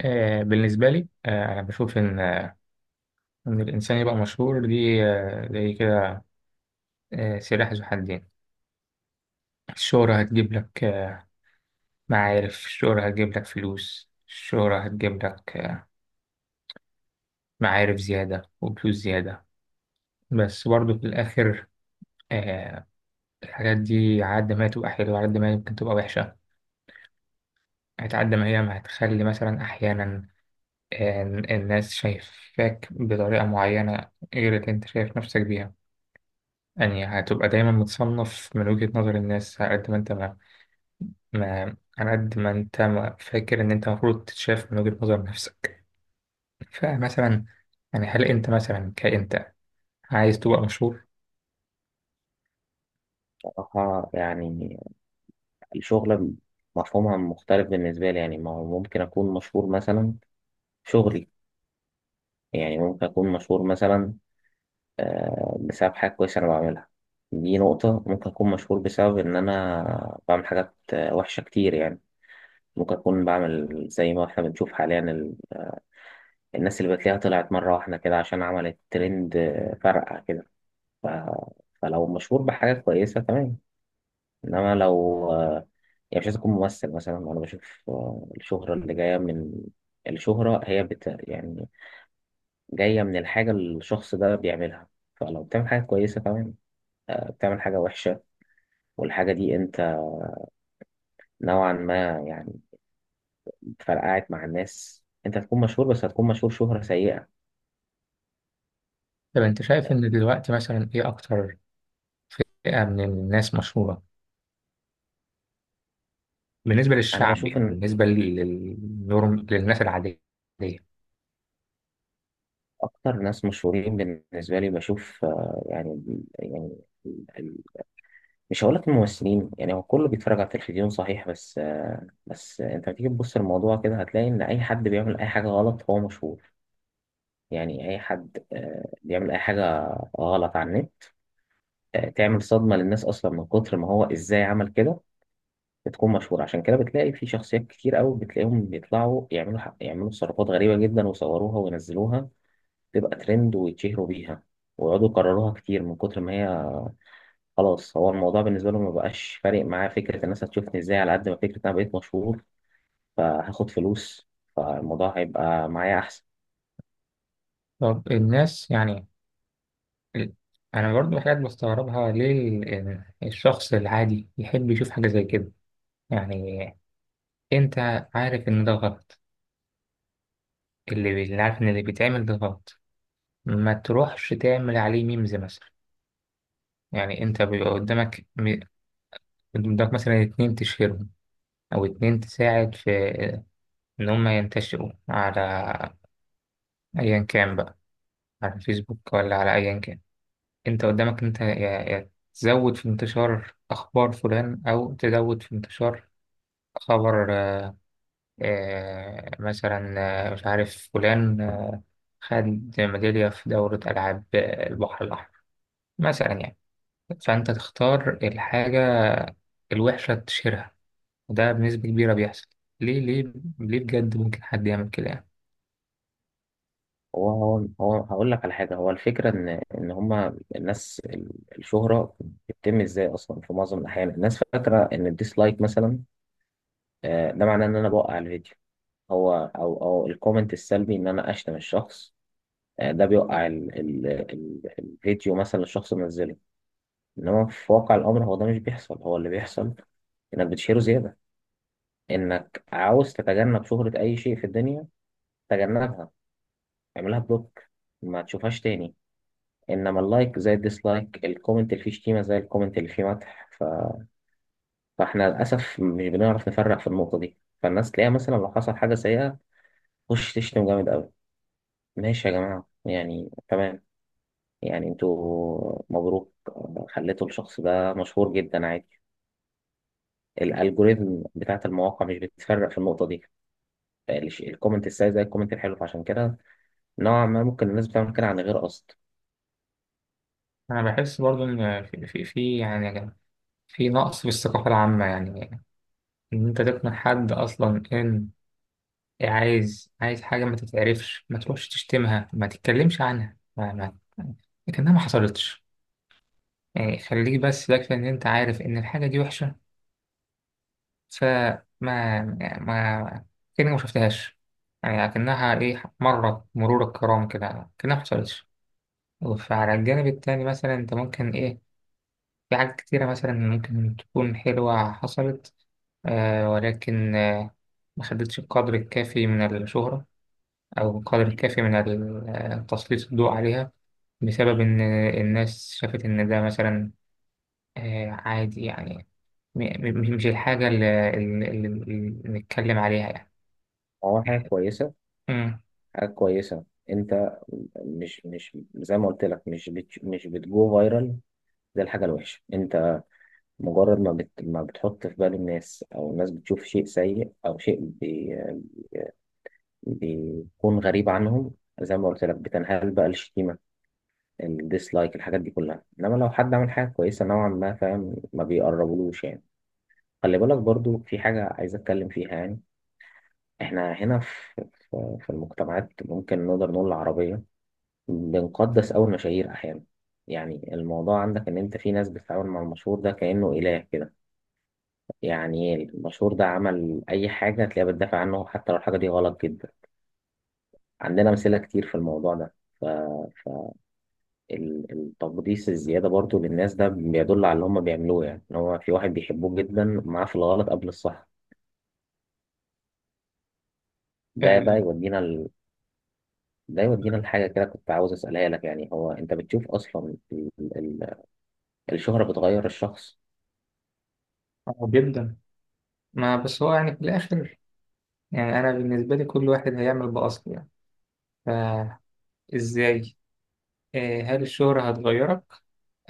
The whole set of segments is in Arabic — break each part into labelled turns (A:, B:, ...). A: بالنسبة لي أنا بشوف إن الإنسان يبقى مشهور دي، زي كده، سلاح ذو حدين. الشهرة هتجيب لك معارف، الشهرة هتجيب لك فلوس، الشهرة هتجيب لك معارف زيادة وفلوس زيادة. بس برضو في الآخر آه، الحاجات دي على قد ما هي تبقى حلوة على قد ما هي ممكن تبقى وحشة. هتعد ما هي ما هتخلي مثلا أحيانا الناس شايفاك بطريقة معينة غير اللي أنت شايف نفسك بيها. يعني هتبقى دايما متصنف من وجهة نظر الناس على قد ما انت ما فاكر ان انت المفروض تتشاف من وجهة نظر نفسك. فمثلا، يعني هل انت مثلا كأنت عايز تبقى مشهور؟
B: بصراحة يعني الشغل مفهومها مختلف بالنسبة لي. يعني ما هو ممكن أكون مشهور مثلا في شغلي، يعني ممكن أكون مشهور مثلا بسبب حاجة كويسة أنا بعملها. دي نقطة. ممكن أكون مشهور بسبب إن أنا بعمل حاجات وحشة كتير يعني. ممكن أكون بعمل زي ما إحنا بنشوف حاليا الناس اللي بتلاقيها طلعت مرة واحدة كده عشان عملت ترند فرقع كده. ف... فلو مشهور بحاجة كويسة، تمام، انما لو يعني مش عايز اكون ممثل مثلا، انا بشوف الشهرة اللي جاية من، الشهرة هي بت يعني جاية من الحاجة اللي الشخص ده بيعملها. فلو بتعمل حاجة كويسة، تمام، بتعمل حاجة وحشة والحاجة دي انت نوعا ما يعني فرقعت مع الناس، انت هتكون مشهور بس هتكون مشهور شهرة سيئة.
A: طب انت شايف ان دلوقتي مثلا ايه اكتر فئة من الناس مشهورة بالنسبة
B: انا
A: للشعب؟
B: بشوف
A: يعني
B: ان
A: بالنسبة للنورم، للناس العادية.
B: اكتر ناس مشهورين بالنسبة لي بشوف يعني، يعني مش هقولك الممثلين يعني، هو كله بيتفرج على التلفزيون صحيح، بس انت بتيجي تبص الموضوع كده هتلاقي ان اي حد بيعمل اي حاجه غلط هو مشهور. يعني اي حد بيعمل اي حاجه غلط على النت، تعمل صدمه للناس اصلا من كتر ما هو ازاي عمل كده، بتكون مشهور. عشان كده بتلاقي في شخصيات كتير قوي بتلاقيهم بيطلعوا يعملوا يعملوا تصرفات غريبه جدا ويصوروها وينزلوها، تبقى ترند ويتشهروا بيها ويقعدوا يكرروها كتير. من كتر ما هي، خلاص، هو الموضوع بالنسبة له ما بقاش فارق معاه فكرة الناس هتشوفني ازاي على قد ما فكرة انا بقيت مشهور فهاخد فلوس، فالموضوع هيبقى معايا احسن.
A: طب الناس يعني، ال- انا برضو حاجات بستغربها، ليه الشخص العادي يحب يشوف حاجة زي كده؟ يعني انت عارف ان ده غلط، اللي عارف ان اللي بيتعمل ده غلط ما تروحش تعمل عليه ميمز مثلا. يعني انت بيبقى قدامك قدامك مثلا اتنين تشهرهم او اتنين تساعد في ان هم ينتشروا على ايا كان بقى، على الفيسبوك ولا على ايا كان. انت قدامك، انت يا تزود في انتشار اخبار فلان او تزود في انتشار خبر مثلا، مش عارف فلان خد ميدالية في دورة ألعاب البحر الأحمر مثلا يعني. فأنت تختار الحاجة الوحشة تشيرها، وده بنسبة كبيرة بيحصل. ليه ليه ليه بجد ممكن حد يعمل كده يعني؟
B: هو هقول لك على حاجة. هو الفكرة ان ان هما الناس الشهرة بتتم ازاي اصلا؟ في معظم الاحيان الناس فاكرة ان الديسلايك مثلا، ده معناه ان انا بوقع الفيديو، هو او الكومنت السلبي ان انا اشتم الشخص، ده بيوقع ال الفيديو مثلا الشخص منزله. انما في واقع الامر هو ده مش بيحصل. هو اللي بيحصل انك بتشيله زياده. انك عاوز تتجنب شهرة اي شيء في الدنيا، تجنبها، اعملها بلوك، ما تشوفهاش تاني. انما اللايك زي الديسلايك، الكومنت اللي فيه شتيمة زي الكومنت اللي فيه مدح. فاحنا للاسف مش بنعرف نفرق في النقطة دي. فالناس تلاقيها مثلا لو حصل حاجة سيئة، خش تشتم جامد قوي. ماشي يا جماعة، يعني تمام، يعني انتوا مبروك، خليتوا الشخص ده مشهور جدا، عادي. الالجوريزم بتاعت المواقع مش بتفرق في النقطه دي، الكومنت السيء زي الكومنت الحلو. فعشان كده نوعا ما ممكن الناس بتعمل كده عن غير قصد.
A: أنا بحس برضو إن في، يعني يا جماعة، في نقص في الثقافة العامة. يعني إن أنت تقنع حد أصلا إن عايز حاجة ما تتعرفش ما تروحش تشتمها، ما تتكلمش عنها، ما ما لكنها ما حصلتش. يعني خليك بس، يكفي ان انت عارف ان الحاجة دي وحشة. فما ما كأنك ما شفتهاش. يعني لكنها ايه، مرة مرور الكرام كده كأنها ما حصلتش. فعلى الجانب التاني مثلا انت ممكن ايه، في حاجات كتيرة مثلا ممكن تكون حلوة حصلت ولكن ما خدتش القدر الكافي من الشهرة أو القدر الكافي من تسليط الضوء عليها، بسبب إن الناس شافت إن ده مثلا عادي يعني. مش الحاجة اللي نتكلم عليها يعني.
B: هو حاجه كويسه،
A: مم.
B: حاجه كويسه، انت مش زي ما قلت لك، مش بتجو فايرال زي الحاجه الوحشه. انت مجرد ما ما بتحط في بال الناس، او الناس بتشوف شيء سيء او شيء بيكون غريب عنهم، زي ما قلت لك، بتنهال بقى الشتيمه، الديسلايك، الحاجات دي كلها. انما لو حد عمل حاجه كويسه نوعا ما، فاهم، ما بيقربلوش يعني. خلي بالك برضو في حاجة عايز أتكلم فيها يعني. إحنا هنا في في المجتمعات ممكن نقدر نقول العربية، بنقدس أوي المشاهير أحيانا. يعني الموضوع عندك إن أنت في ناس بتتعامل مع المشهور ده كأنه إله كده، يعني إيه؟ المشهور ده عمل أي حاجة تلاقيها بتدافع عنه حتى لو الحاجة دي غلط جدا. عندنا أمثلة كتير في الموضوع ده. ف... فالتقديس الزيادة برضو للناس ده بيدل على اللي هم بيعملوه، يعني إن هو في واحد بيحبوه جدا معاه في الغلط قبل الصح. ده
A: آه،
B: بقى يودينا، ده يودينا لحاجة كده كنت عاوز أسألها لك. يعني هو أنت بتشوف أصلا ال- الشهرة بتغير الشخص؟
A: آه، جدا. ما بس هو يعني في الآخر، يعني أنا بالنسبة لي كل واحد هيعمل بأصله يعني. فإزاي، هل الشهرة هتغيرك؟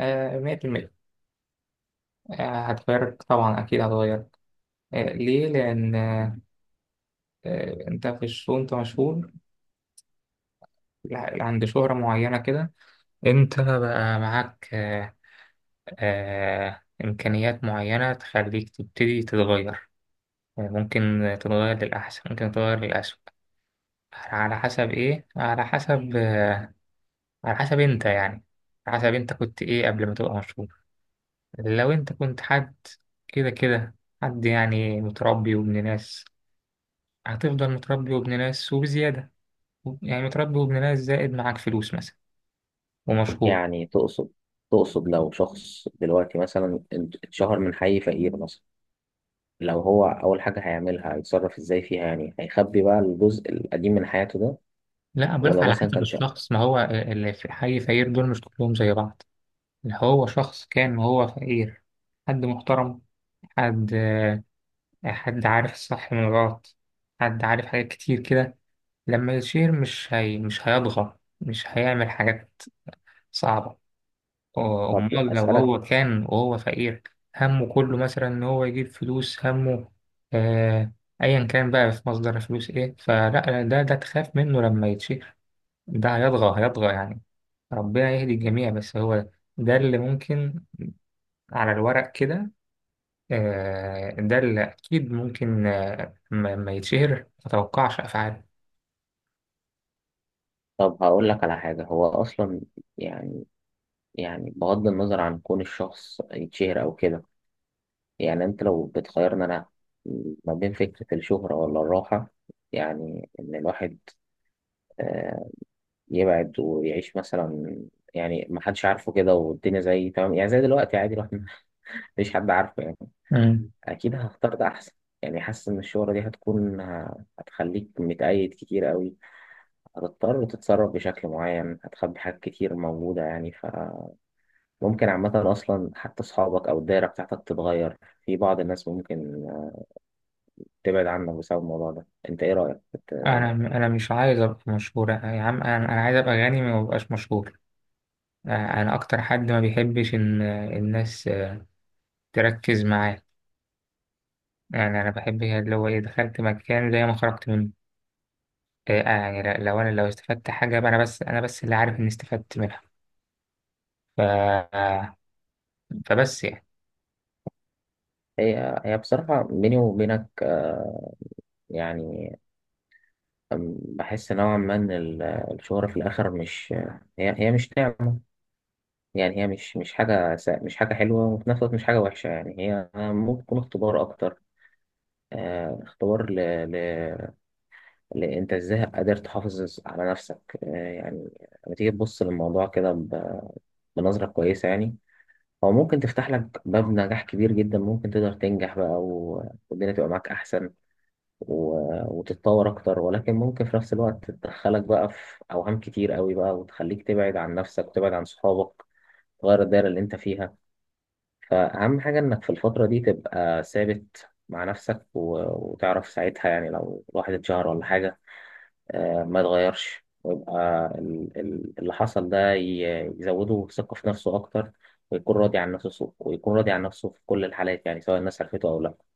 A: آه، 100%. هتغيرك طبعا، أكيد هتغيرك. ليه؟ لأن أنت في الشو، أنت مشهور عند شهرة معينة كده. أنت بقى معاك إمكانيات معينة تخليك تبتدي تتغير. ممكن تتغير للأحسن، ممكن تتغير للأسوأ. على حسب إيه؟ على حسب، على حسب أنت يعني، على حسب أنت كنت إيه قبل ما تبقى مشهور. لو أنت كنت حد كده كده، حد يعني متربي وابن ناس، هتفضل متربي وابن ناس وبزيادة. يعني متربي وابن ناس زائد معاك فلوس مثلا ومشهور.
B: يعني تقصد، تقصد لو شخص دلوقتي مثلا اتشهر من حي فقير مثلا، لو هو أول حاجة هيعملها هيتصرف إزاي فيها؟ يعني هيخبي بقى الجزء القديم من حياته ده؟
A: لا، بقولك
B: ولو
A: على
B: مثلا
A: حسب
B: كان شهر،
A: الشخص، ما هو اللي في الحي فقير دول مش كلهم زي بعض. اللي هو شخص كان وهو فقير، حد محترم، حد، حد عارف الصح من الغلط، حد عارف حاجات كتير كده، لما يشير مش هي، مش هيضغط، مش هيعمل حاجات صعبة.
B: طب
A: أمال لو
B: أسألك،
A: هو كان وهو فقير همه كله مثلا إن هو يجيب فلوس، همه آه أيا كان بقى في مصدر فلوس إيه، فلا، ده تخاف منه لما يتشير. ده هيطغى، هيطغى يعني. ربنا يهدي الجميع. بس هو ده اللي ممكن، على الورق كده. ده اللي أكيد ممكن، ما يتشهر متوقعش أفعاله.
B: طب هقول لك على حاجة. هو أصلا يعني، يعني بغض النظر عن كون الشخص يتشهر أو كده، يعني انت لو بتخيرني انا ما بين فكرة الشهرة ولا الراحة، يعني ان الواحد آه، يبعد ويعيش مثلا، يعني ما حدش عارفه كده والدنيا زي تمام، يعني زي دلوقتي عادي الواحد مفيش حد عارفه يعني،
A: امم.
B: اكيد هختار ده احسن. يعني حاسس ان الشهرة دي هتكون، هتخليك متقيد كتير قوي، هتضطر تتصرف بشكل معين، هتخبي حاجات كتير موجودة يعني، فممكن عامة اصلا حتى اصحابك او الدايرة بتاعتك تتغير، في بعض الناس ممكن تبعد عنك بسبب الموضوع ده. انت ايه رأيك
A: أنا مش عايز أبقى مشهور، يا عم، أنا عايز أبقى غني، ما ببقاش مشهور. آه، أنا أكتر حد ما بيحبش إن الناس تركز معاه. يعني أنا بحب هي اللي هو إيه، دخلت مكان زي ما خرجت منه. يعني لو أنا لو استفدت حاجة يبقى أنا بس، اللي عارف إني استفدت منها. ف... آه، فبس يعني.
B: هي بصراحة بيني وبينك يعني، بحس نوعا ما ان الشهرة في الاخر مش، هي مش نعمة يعني، هي مش حاجة مش حاجة حلوة، وفي نفس الوقت مش حاجة وحشة، يعني هي ممكن تكون اختبار اكتر. اختبار ل... انت ازاي قادر تحافظ على نفسك؟ يعني لما تيجي تبص للموضوع كده بنظرة كويسة يعني، او ممكن تفتح لك باب نجاح كبير جدا، ممكن تقدر تنجح بقى والدنيا تبقى معاك احسن وتتطور اكتر. ولكن ممكن في نفس الوقت تدخلك بقى في اوهام كتير قوي بقى، وتخليك تبعد عن نفسك وتبعد عن صحابك، تغير الدايرة اللي انت فيها. فاهم، حاجة انك في الفترة دي تبقى ثابت مع نفسك وتعرف ساعتها يعني لو الواحد اتشهر ولا حاجة، ما يتغيرش، ويبقى اللي حصل ده يزوده ثقة في نفسه أكتر، ويكون راضي عن نفسه، ويكون راضي عن نفسه في كل الحالات يعني سواء الناس عرفته أو لا